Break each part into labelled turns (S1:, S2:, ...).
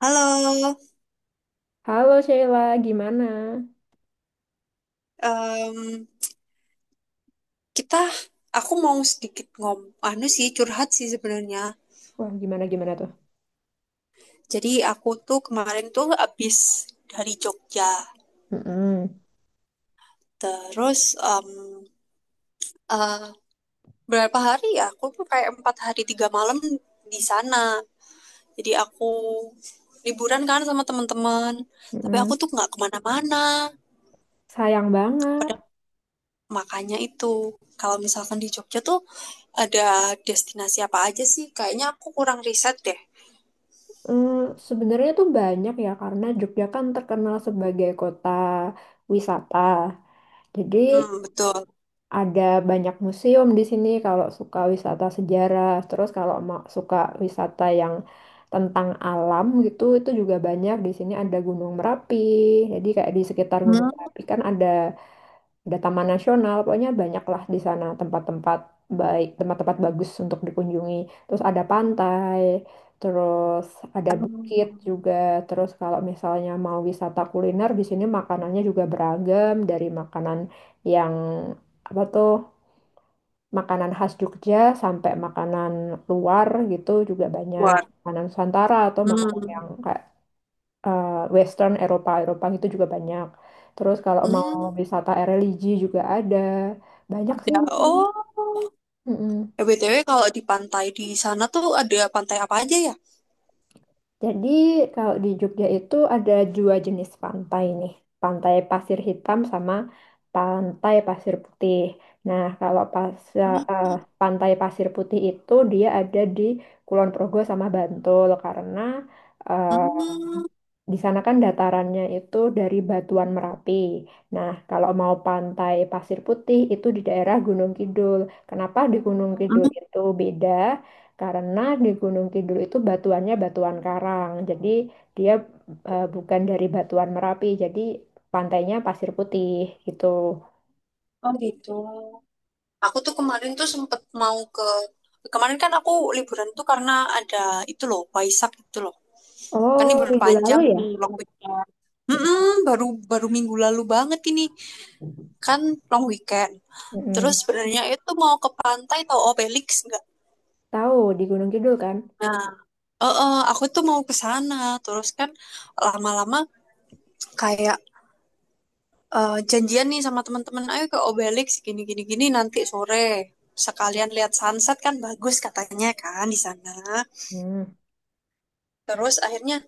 S1: Halo,
S2: Halo Sheila, gimana?
S1: em, kita, aku mau sedikit anu sih curhat sih sebenarnya.
S2: Wah, gimana gimana tuh?
S1: Jadi aku tuh kemarin tuh abis dari Jogja,
S2: Mm-mm,
S1: terus em, eh, berapa hari ya? Aku tuh kayak 4 hari 3 malam di sana. Jadi aku liburan kan sama teman-teman, tapi
S2: mm-mm.
S1: aku tuh nggak kemana-mana.
S2: Sayang banget.
S1: Pada makanya itu, kalau misalkan di Jogja tuh ada destinasi apa aja sih? Kayaknya aku kurang riset deh.
S2: Mm, Sebenarnya tuh banyak ya karena Jogja kan terkenal sebagai kota wisata. Jadi
S1: Hmm, betul.
S2: ada banyak museum di sini kalau suka wisata sejarah. Terus kalau suka wisata yang tentang alam gitu itu juga banyak di sini, ada Gunung Merapi. Jadi kayak di sekitar Gunung
S1: 음,
S2: Merapi kan ada taman nasional, pokoknya banyaklah di sana tempat-tempat baik, tempat-tempat bagus untuk dikunjungi. Terus ada pantai, terus ada bukit
S1: 아,
S2: juga. Terus kalau misalnya mau wisata kuliner, di sini makanannya juga beragam, dari makanan yang apa tuh, makanan khas Jogja sampai makanan luar gitu juga banyak.
S1: luar.
S2: Makanan Nusantara atau makanan yang
S1: Hmm,
S2: kayak eh, Western, Eropa Eropa itu juga banyak. Terus kalau mau
S1: hmm,
S2: wisata religi juga ada banyak sih
S1: ya.
S2: di sini.
S1: Oh,
S2: Mm-mm.
S1: Eh, BTW kalau di pantai di sana tuh ada pantai apa aja ya?
S2: Jadi kalau di Jogja itu ada dua jenis pantai nih, pantai pasir hitam sama pantai pasir putih. Nah kalau pas
S1: Hmm,
S2: pantai pasir putih, itu dia ada di Kulon Progo sama Bantul karena eh,
S1: hmm,
S2: di sana kan datarannya itu dari Batuan Merapi. Nah, kalau mau pantai Pasir Putih itu di daerah Gunung Kidul. Kenapa di Gunung Kidul
S1: hmm.
S2: itu beda? Karena di Gunung Kidul itu batuannya batuan karang. Jadi dia bukan dari Batuan Merapi. Jadi pantainya Pasir Putih gitu.
S1: Oh gitu. Aku tuh kemarin tuh sempet mau kemarin kan aku liburan tuh karena ada itu loh Waisak itu loh. Kan
S2: Oh,
S1: libur
S2: minggu lalu
S1: panjang
S2: ya?
S1: nih long weekend. Hmm, baru baru minggu lalu banget ini kan long weekend. Terus
S2: Mm-mm.
S1: sebenarnya itu mau ke pantai tau Obelix.
S2: Tahu di Gunung Kidul kan?
S1: Nah, aku tuh mau ke sana, terus kan lama-lama kayak janjian nih sama teman-teman, ayo ke Obelix gini gini gini nanti sore sekalian lihat sunset kan bagus katanya kan di sana.
S2: Hmm.
S1: Terus akhirnya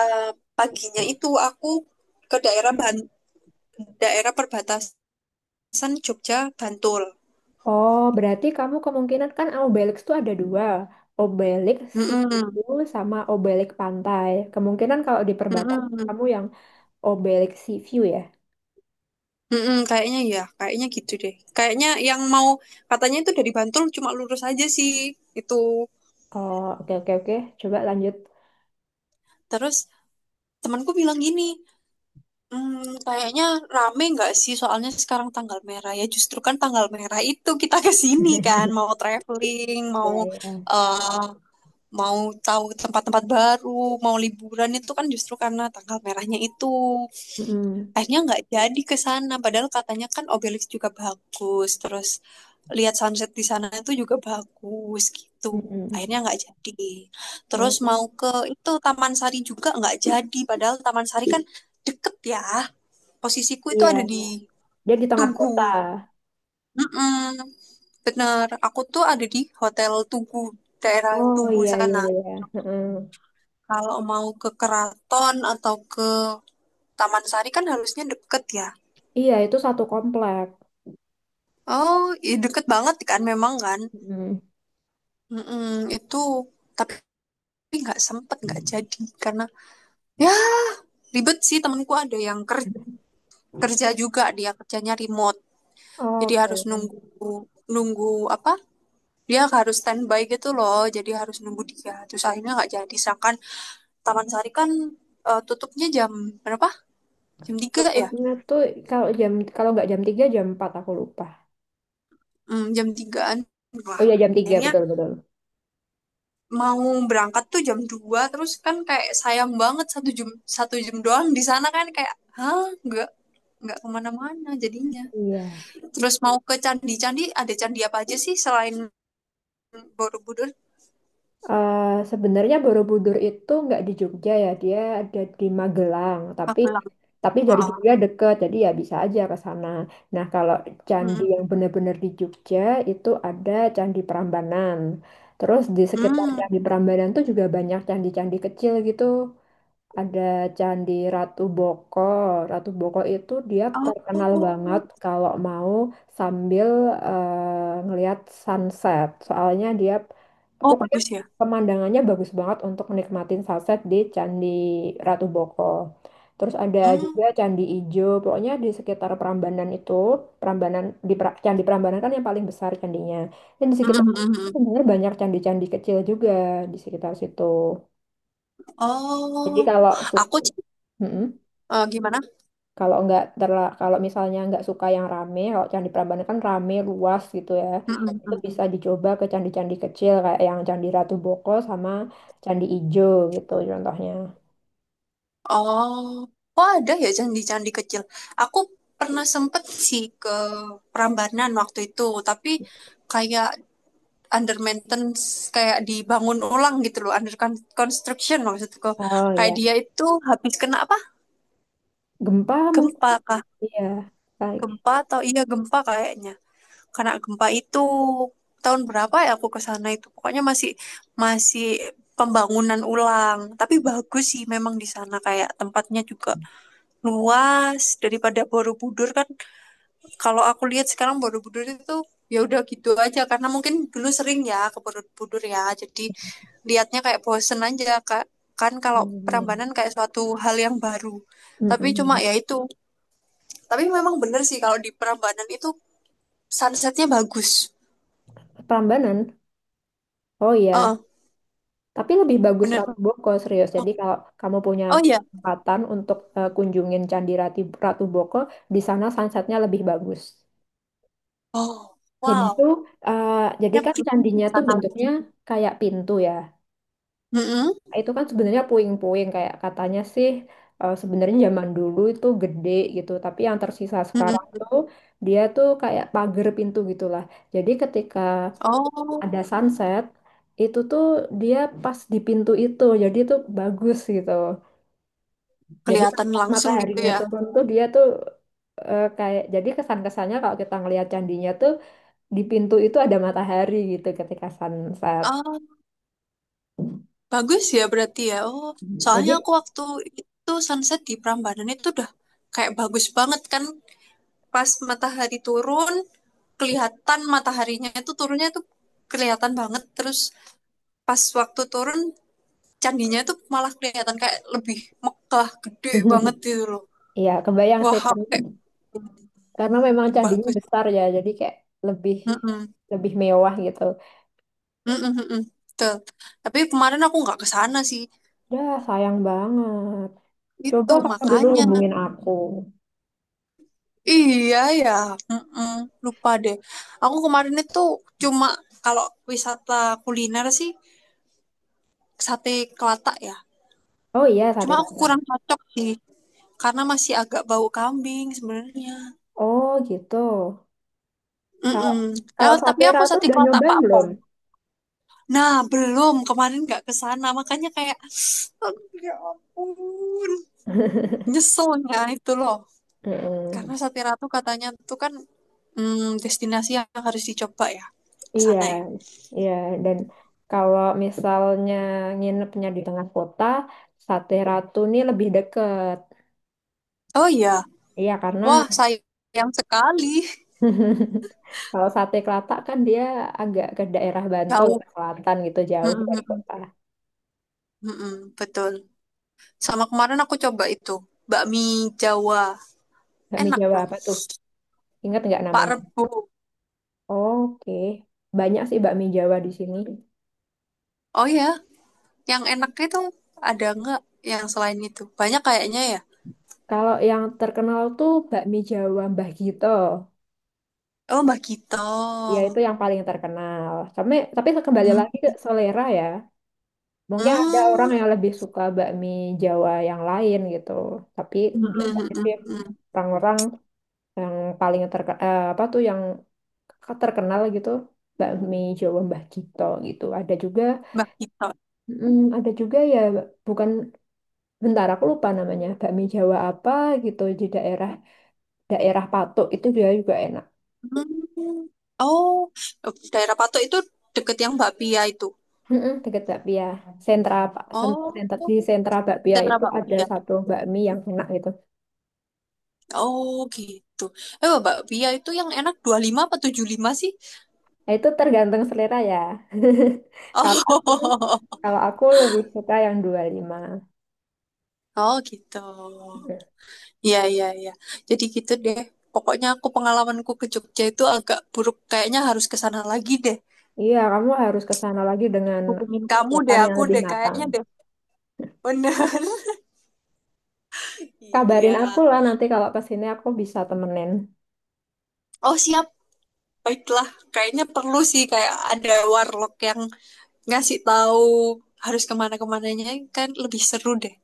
S1: eh, paginya itu aku ke daerah daerah perbatasan Jogja Bantul.
S2: Oh, berarti kamu kemungkinan, kan Obelix tuh ada dua, Obelix
S1: Mm-mm,
S2: Situ sama Obelix Pantai. Kemungkinan kalau di perbatasan,
S1: mm-mm,
S2: kamu yang Obelix Sea View ya.
S1: mm-mm, kayaknya ya, kayaknya gitu deh. Kayaknya yang mau katanya itu dari Bantul cuma lurus aja sih itu.
S2: Oh, oke oke oke. Coba lanjut.
S1: Terus temanku bilang gini, "Hmm, kayaknya rame nggak sih soalnya sekarang tanggal merah ya justru kan tanggal merah itu kita ke sini kan mau traveling
S2: Ya
S1: mau
S2: ya.
S1: eh, mau tahu tempat-tempat baru mau liburan itu kan justru karena tanggal merahnya itu
S2: Mm-mm.
S1: akhirnya nggak jadi ke sana padahal katanya kan Obelix juga bagus terus lihat sunset di sana itu juga bagus gitu. Akhirnya
S2: Mm-mm.
S1: nggak jadi terus mau
S2: Oh,
S1: ke itu Taman Sari juga nggak jadi padahal Taman Sari kan deket ya, posisiku itu
S2: iya.
S1: ada di
S2: Dia di tengah
S1: Tugu.
S2: kota.
S1: Mm-mm, bener aku tuh ada di Hotel Tugu daerah
S2: Oh
S1: Tugu
S2: iya iya
S1: sana,
S2: iya. Mm-mm.
S1: kalau mau ke Keraton atau ke Taman Sari kan harusnya deket ya.
S2: Iya itu satu komplek.
S1: Oh, iya deket banget kan memang kan.
S2: Mm.
S1: Mm-mm, itu tapi nggak sempet nggak jadi karena ya ribet sih temenku ada yang kerja juga dia kerjanya remote jadi harus
S2: Oke.
S1: nunggu nunggu apa dia harus standby gitu loh jadi harus nunggu dia terus akhirnya nggak jadi sedangkan Taman Sari kan tutupnya jam berapa jam 3 ya.
S2: Tutupnya tuh kalau nggak jam tiga, jam empat, aku lupa.
S1: Hmm, jam tigaan
S2: Oh
S1: lah
S2: iya, jam tiga,
S1: akhirnya
S2: betul betul.
S1: mau berangkat tuh jam 2 terus kan kayak sayang banget satu jam doang di sana kan kayak hah nggak kemana-mana jadinya.
S2: Iya.
S1: Terus mau ke candi-candi, ada candi apa aja sih selain Borobudur?
S2: Eh, sebenarnya Borobudur itu nggak di Jogja ya, dia ada di Magelang. Tapi
S1: Magelang.
S2: tapi dari
S1: Heeh.
S2: Jogja deket, jadi ya bisa aja ke sana. Nah, kalau candi
S1: Mm,
S2: yang benar-benar di Jogja itu ada Candi Prambanan. Terus di sekitar
S1: mm.
S2: Candi Prambanan tuh juga banyak candi-candi kecil gitu. Ada Candi Ratu Boko. Ratu Boko itu dia terkenal
S1: Oh,
S2: banget kalau mau sambil ngelihat sunset. Soalnya dia
S1: oh
S2: pokoknya
S1: bagus ya.
S2: pemandangannya bagus banget untuk nikmatin sunset di Candi Ratu Boko. Terus ada
S1: Hmm.
S2: juga Candi Ijo. Pokoknya di sekitar Prambanan itu, Candi Prambanan kan yang paling besar candinya. Dan di
S1: Mm,
S2: sekitar
S1: mm, mm,
S2: itu
S1: mm.
S2: sebenarnya banyak candi-candi kecil juga di sekitar situ. Jadi
S1: Oh,
S2: kalau suka,
S1: aku sih, eh, gimana?
S2: kalau nggak terla kalau misalnya nggak suka yang rame, kalau Candi Prambanan kan rame, luas gitu ya.
S1: Mm, mm,
S2: Itu
S1: mm.
S2: bisa dicoba ke candi-candi kecil kayak yang Candi Ratu Boko sama Candi Ijo gitu contohnya.
S1: Oh, oh ada ya candi-candi kecil. Aku pernah sempet sih ke Prambanan waktu itu, tapi kayak under maintenance, kayak dibangun ulang gitu loh, under construction maksudku.
S2: Oh
S1: Kayak
S2: ya.
S1: dia itu habis kena apa?
S2: Gempa
S1: Gempa.
S2: mungkin ya.
S1: Gempa atau iya gempa kayaknya. Karena gempa itu tahun berapa ya aku ke sana itu. Pokoknya masih masih pembangunan ulang. Tapi bagus sih memang di sana kayak tempatnya juga luas daripada Borobudur kan. Kalau aku lihat sekarang Borobudur itu ya udah gitu aja karena mungkin dulu sering ya ke Borobudur ya. Jadi lihatnya kayak bosen aja Kak. Kan kalau
S2: Oh
S1: Prambanan
S2: iya.
S1: kayak suatu hal yang baru. Tapi cuma
S2: Mm-mm.
S1: ya itu. Tapi memang bener sih kalau di Prambanan itu sunsetnya bagus.
S2: Prambanan, oh
S1: Heeh,
S2: iya, tapi lebih bagus
S1: bener.
S2: Ratu Boko, serius. Jadi
S1: Oh,
S2: kalau kamu punya
S1: oh iya.
S2: kesempatan untuk kunjungin Candi Ratu, Ratu Boko, di sana sunsetnya lebih bagus.
S1: Oh,
S2: Dan itu,
S1: wow.
S2: eh, jadi
S1: Ya
S2: kan
S1: perlu ke
S2: candinya tuh
S1: sana lagi.
S2: bentuknya kayak pintu ya.
S1: Mm-mm,
S2: Itu kan sebenarnya puing-puing, kayak katanya sih sebenarnya zaman dulu itu gede gitu. Tapi yang tersisa sekarang
S1: mm-mm.
S2: tuh dia tuh kayak pagar pintu gitulah. Jadi ketika
S1: Oh,
S2: ada sunset itu tuh dia pas di pintu itu. Jadi itu bagus gitu. Jadi pas
S1: kelihatan langsung gitu
S2: mataharinya
S1: ya.
S2: turun tuh dia tuh kayak jadi kesan-kesannya kalau kita ngelihat candinya tuh di pintu itu ada matahari gitu ketika sunset.
S1: Oh, bagus ya berarti ya. Oh,
S2: Jadi,
S1: soalnya aku waktu itu sunset di Prambanan itu udah kayak bagus banget kan. Pas matahari turun, kelihatan mataharinya itu turunnya itu kelihatan banget. Terus pas waktu turun, candinya itu malah kelihatan kayak lebih megah, gede banget gitu loh.
S2: ya kebayang sih
S1: Wah, aku
S2: karena,
S1: kayak
S2: karena memang candinya
S1: bagus.
S2: besar ya, jadi kayak lebih
S1: Mm-mm.
S2: lebih mewah gitu.
S1: Mm-mm, mm-mm. Betul. Tapi kemarin aku nggak ke sana sih.
S2: Dah, sayang banget. Coba
S1: Itu
S2: kamu dulu
S1: makanya.
S2: hubungin aku.
S1: Iya ya. Mm-mm. Lupa deh. Aku kemarin itu cuma kalau wisata kuliner sih sate Kelatak ya.
S2: Oh iya,
S1: Cuma
S2: sate
S1: aku kurang
S2: kata.
S1: cocok sih karena masih agak bau kambing sebenarnya.
S2: Oh gitu. Kalau
S1: Mm-mm. Ya,
S2: kalau
S1: tapi
S2: sate
S1: aku
S2: ratu
S1: sate
S2: udah
S1: Kelatak
S2: nyobain
S1: Pak
S2: belum?
S1: Pon. Nah, belum. Kemarin nggak ke sana. Makanya kayak, aduh, ya ampun. Nyeselnya itu loh.
S2: Mm-mm.
S1: Karena Satira tuh katanya tuh kan destinasi yang harus dicoba ya. Ke
S2: Iya,
S1: sana ya.
S2: iya. Dan kalau misalnya nginepnya di tengah kota, Sate Ratu ini lebih deket.
S1: Oh iya.
S2: Iya, karena
S1: Wah, sayang sekali.
S2: kalau sate Kelatak kan dia agak ke daerah Bantul,
S1: Jauh.
S2: ke selatan gitu,
S1: Mm,
S2: jauh
S1: mm,
S2: dari
S1: mm,
S2: kota.
S1: mm, mm, betul. Sama kemarin aku coba itu. Bakmi Jawa.
S2: Bakmi
S1: Enak
S2: Jawa
S1: loh.
S2: apa tuh? Ingat nggak
S1: Pak
S2: namanya?
S1: Rebo.
S2: Oke, banyak sih bakmi Jawa di sini.
S1: Oh ya. Yang enaknya itu ada nggak yang selain itu? Banyak kayaknya ya.
S2: Kalau yang terkenal tuh bakmi Jawa Mbah Gito.
S1: Oh, Mbak Gito.
S2: Ya itu yang paling terkenal. Tapi, kembali
S1: Mm,
S2: lagi ke selera ya. Mungkin ada orang
S1: mm,
S2: yang lebih suka bakmi Jawa yang lain gitu. Tapi
S1: mm, mm,
S2: biasanya
S1: mm,
S2: sih
S1: mm.
S2: orang-orang yang paling terkenal, apa tuh yang kakak terkenal gitu, bakmi Jawa Mbah Gito gitu. Ada juga
S1: Mbak Gito.
S2: ada juga ya, bukan, bentar aku lupa namanya, bakmi Jawa apa gitu di daerah daerah Patok, itu juga juga enak.
S1: Hmm. Oh, daerah Patok itu deket yang Bakpia itu.
S2: Mm-mm, deket bakpia, sentra Pak- sen-
S1: Oh,
S2: sentra di sentra bakpia,
S1: sentra
S2: itu ada
S1: Bakpia.
S2: satu bakmi yang enak gitu.
S1: Oh, gitu. Eh, Bakpia itu yang enak 25 apa 75 sih?
S2: Nah, itu tergantung selera ya. kalau aku
S1: Oh,
S2: kalau aku lebih suka yang 25 lima.
S1: oh gitu. Iya, iya, iya. Jadi gitu deh. Pokoknya aku pengalamanku ke Jogja itu agak buruk. Kayaknya harus ke sana lagi deh.
S2: Iya, kamu harus ke sana lagi dengan
S1: Hubungin kamu deh,
S2: persiapan yang
S1: aku
S2: lebih
S1: deh
S2: matang.
S1: kayaknya deh. Bener.
S2: Kabarin
S1: Iya.
S2: aku lah nanti kalau pas ini, aku bisa temenin.
S1: Oh, siap. Baiklah, kayaknya perlu sih kayak ada warlock yang ngasih tahu harus kemana-kemananya kan lebih seru deh.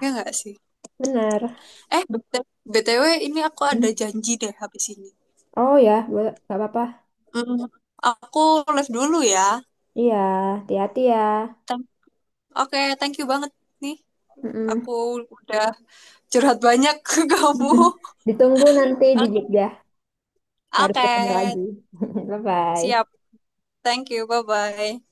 S1: Ya nggak sih?
S2: bener.
S1: Eh, BTW ini aku ada
S2: Hmm.
S1: janji deh habis ini.
S2: Oh ya, boleh, gak apa-apa.
S1: Mm, aku live dulu ya.
S2: Iya, hati-hati ya.
S1: Thank- Oke, thank you banget nih.
S2: Mm-mm.
S1: Aku udah curhat banyak ke kamu.
S2: Ditunggu nanti di
S1: Oke,
S2: Jogja. Harus
S1: oke.
S2: ketemu lagi. Bye-bye.
S1: Siap. Thank you. Bye-bye.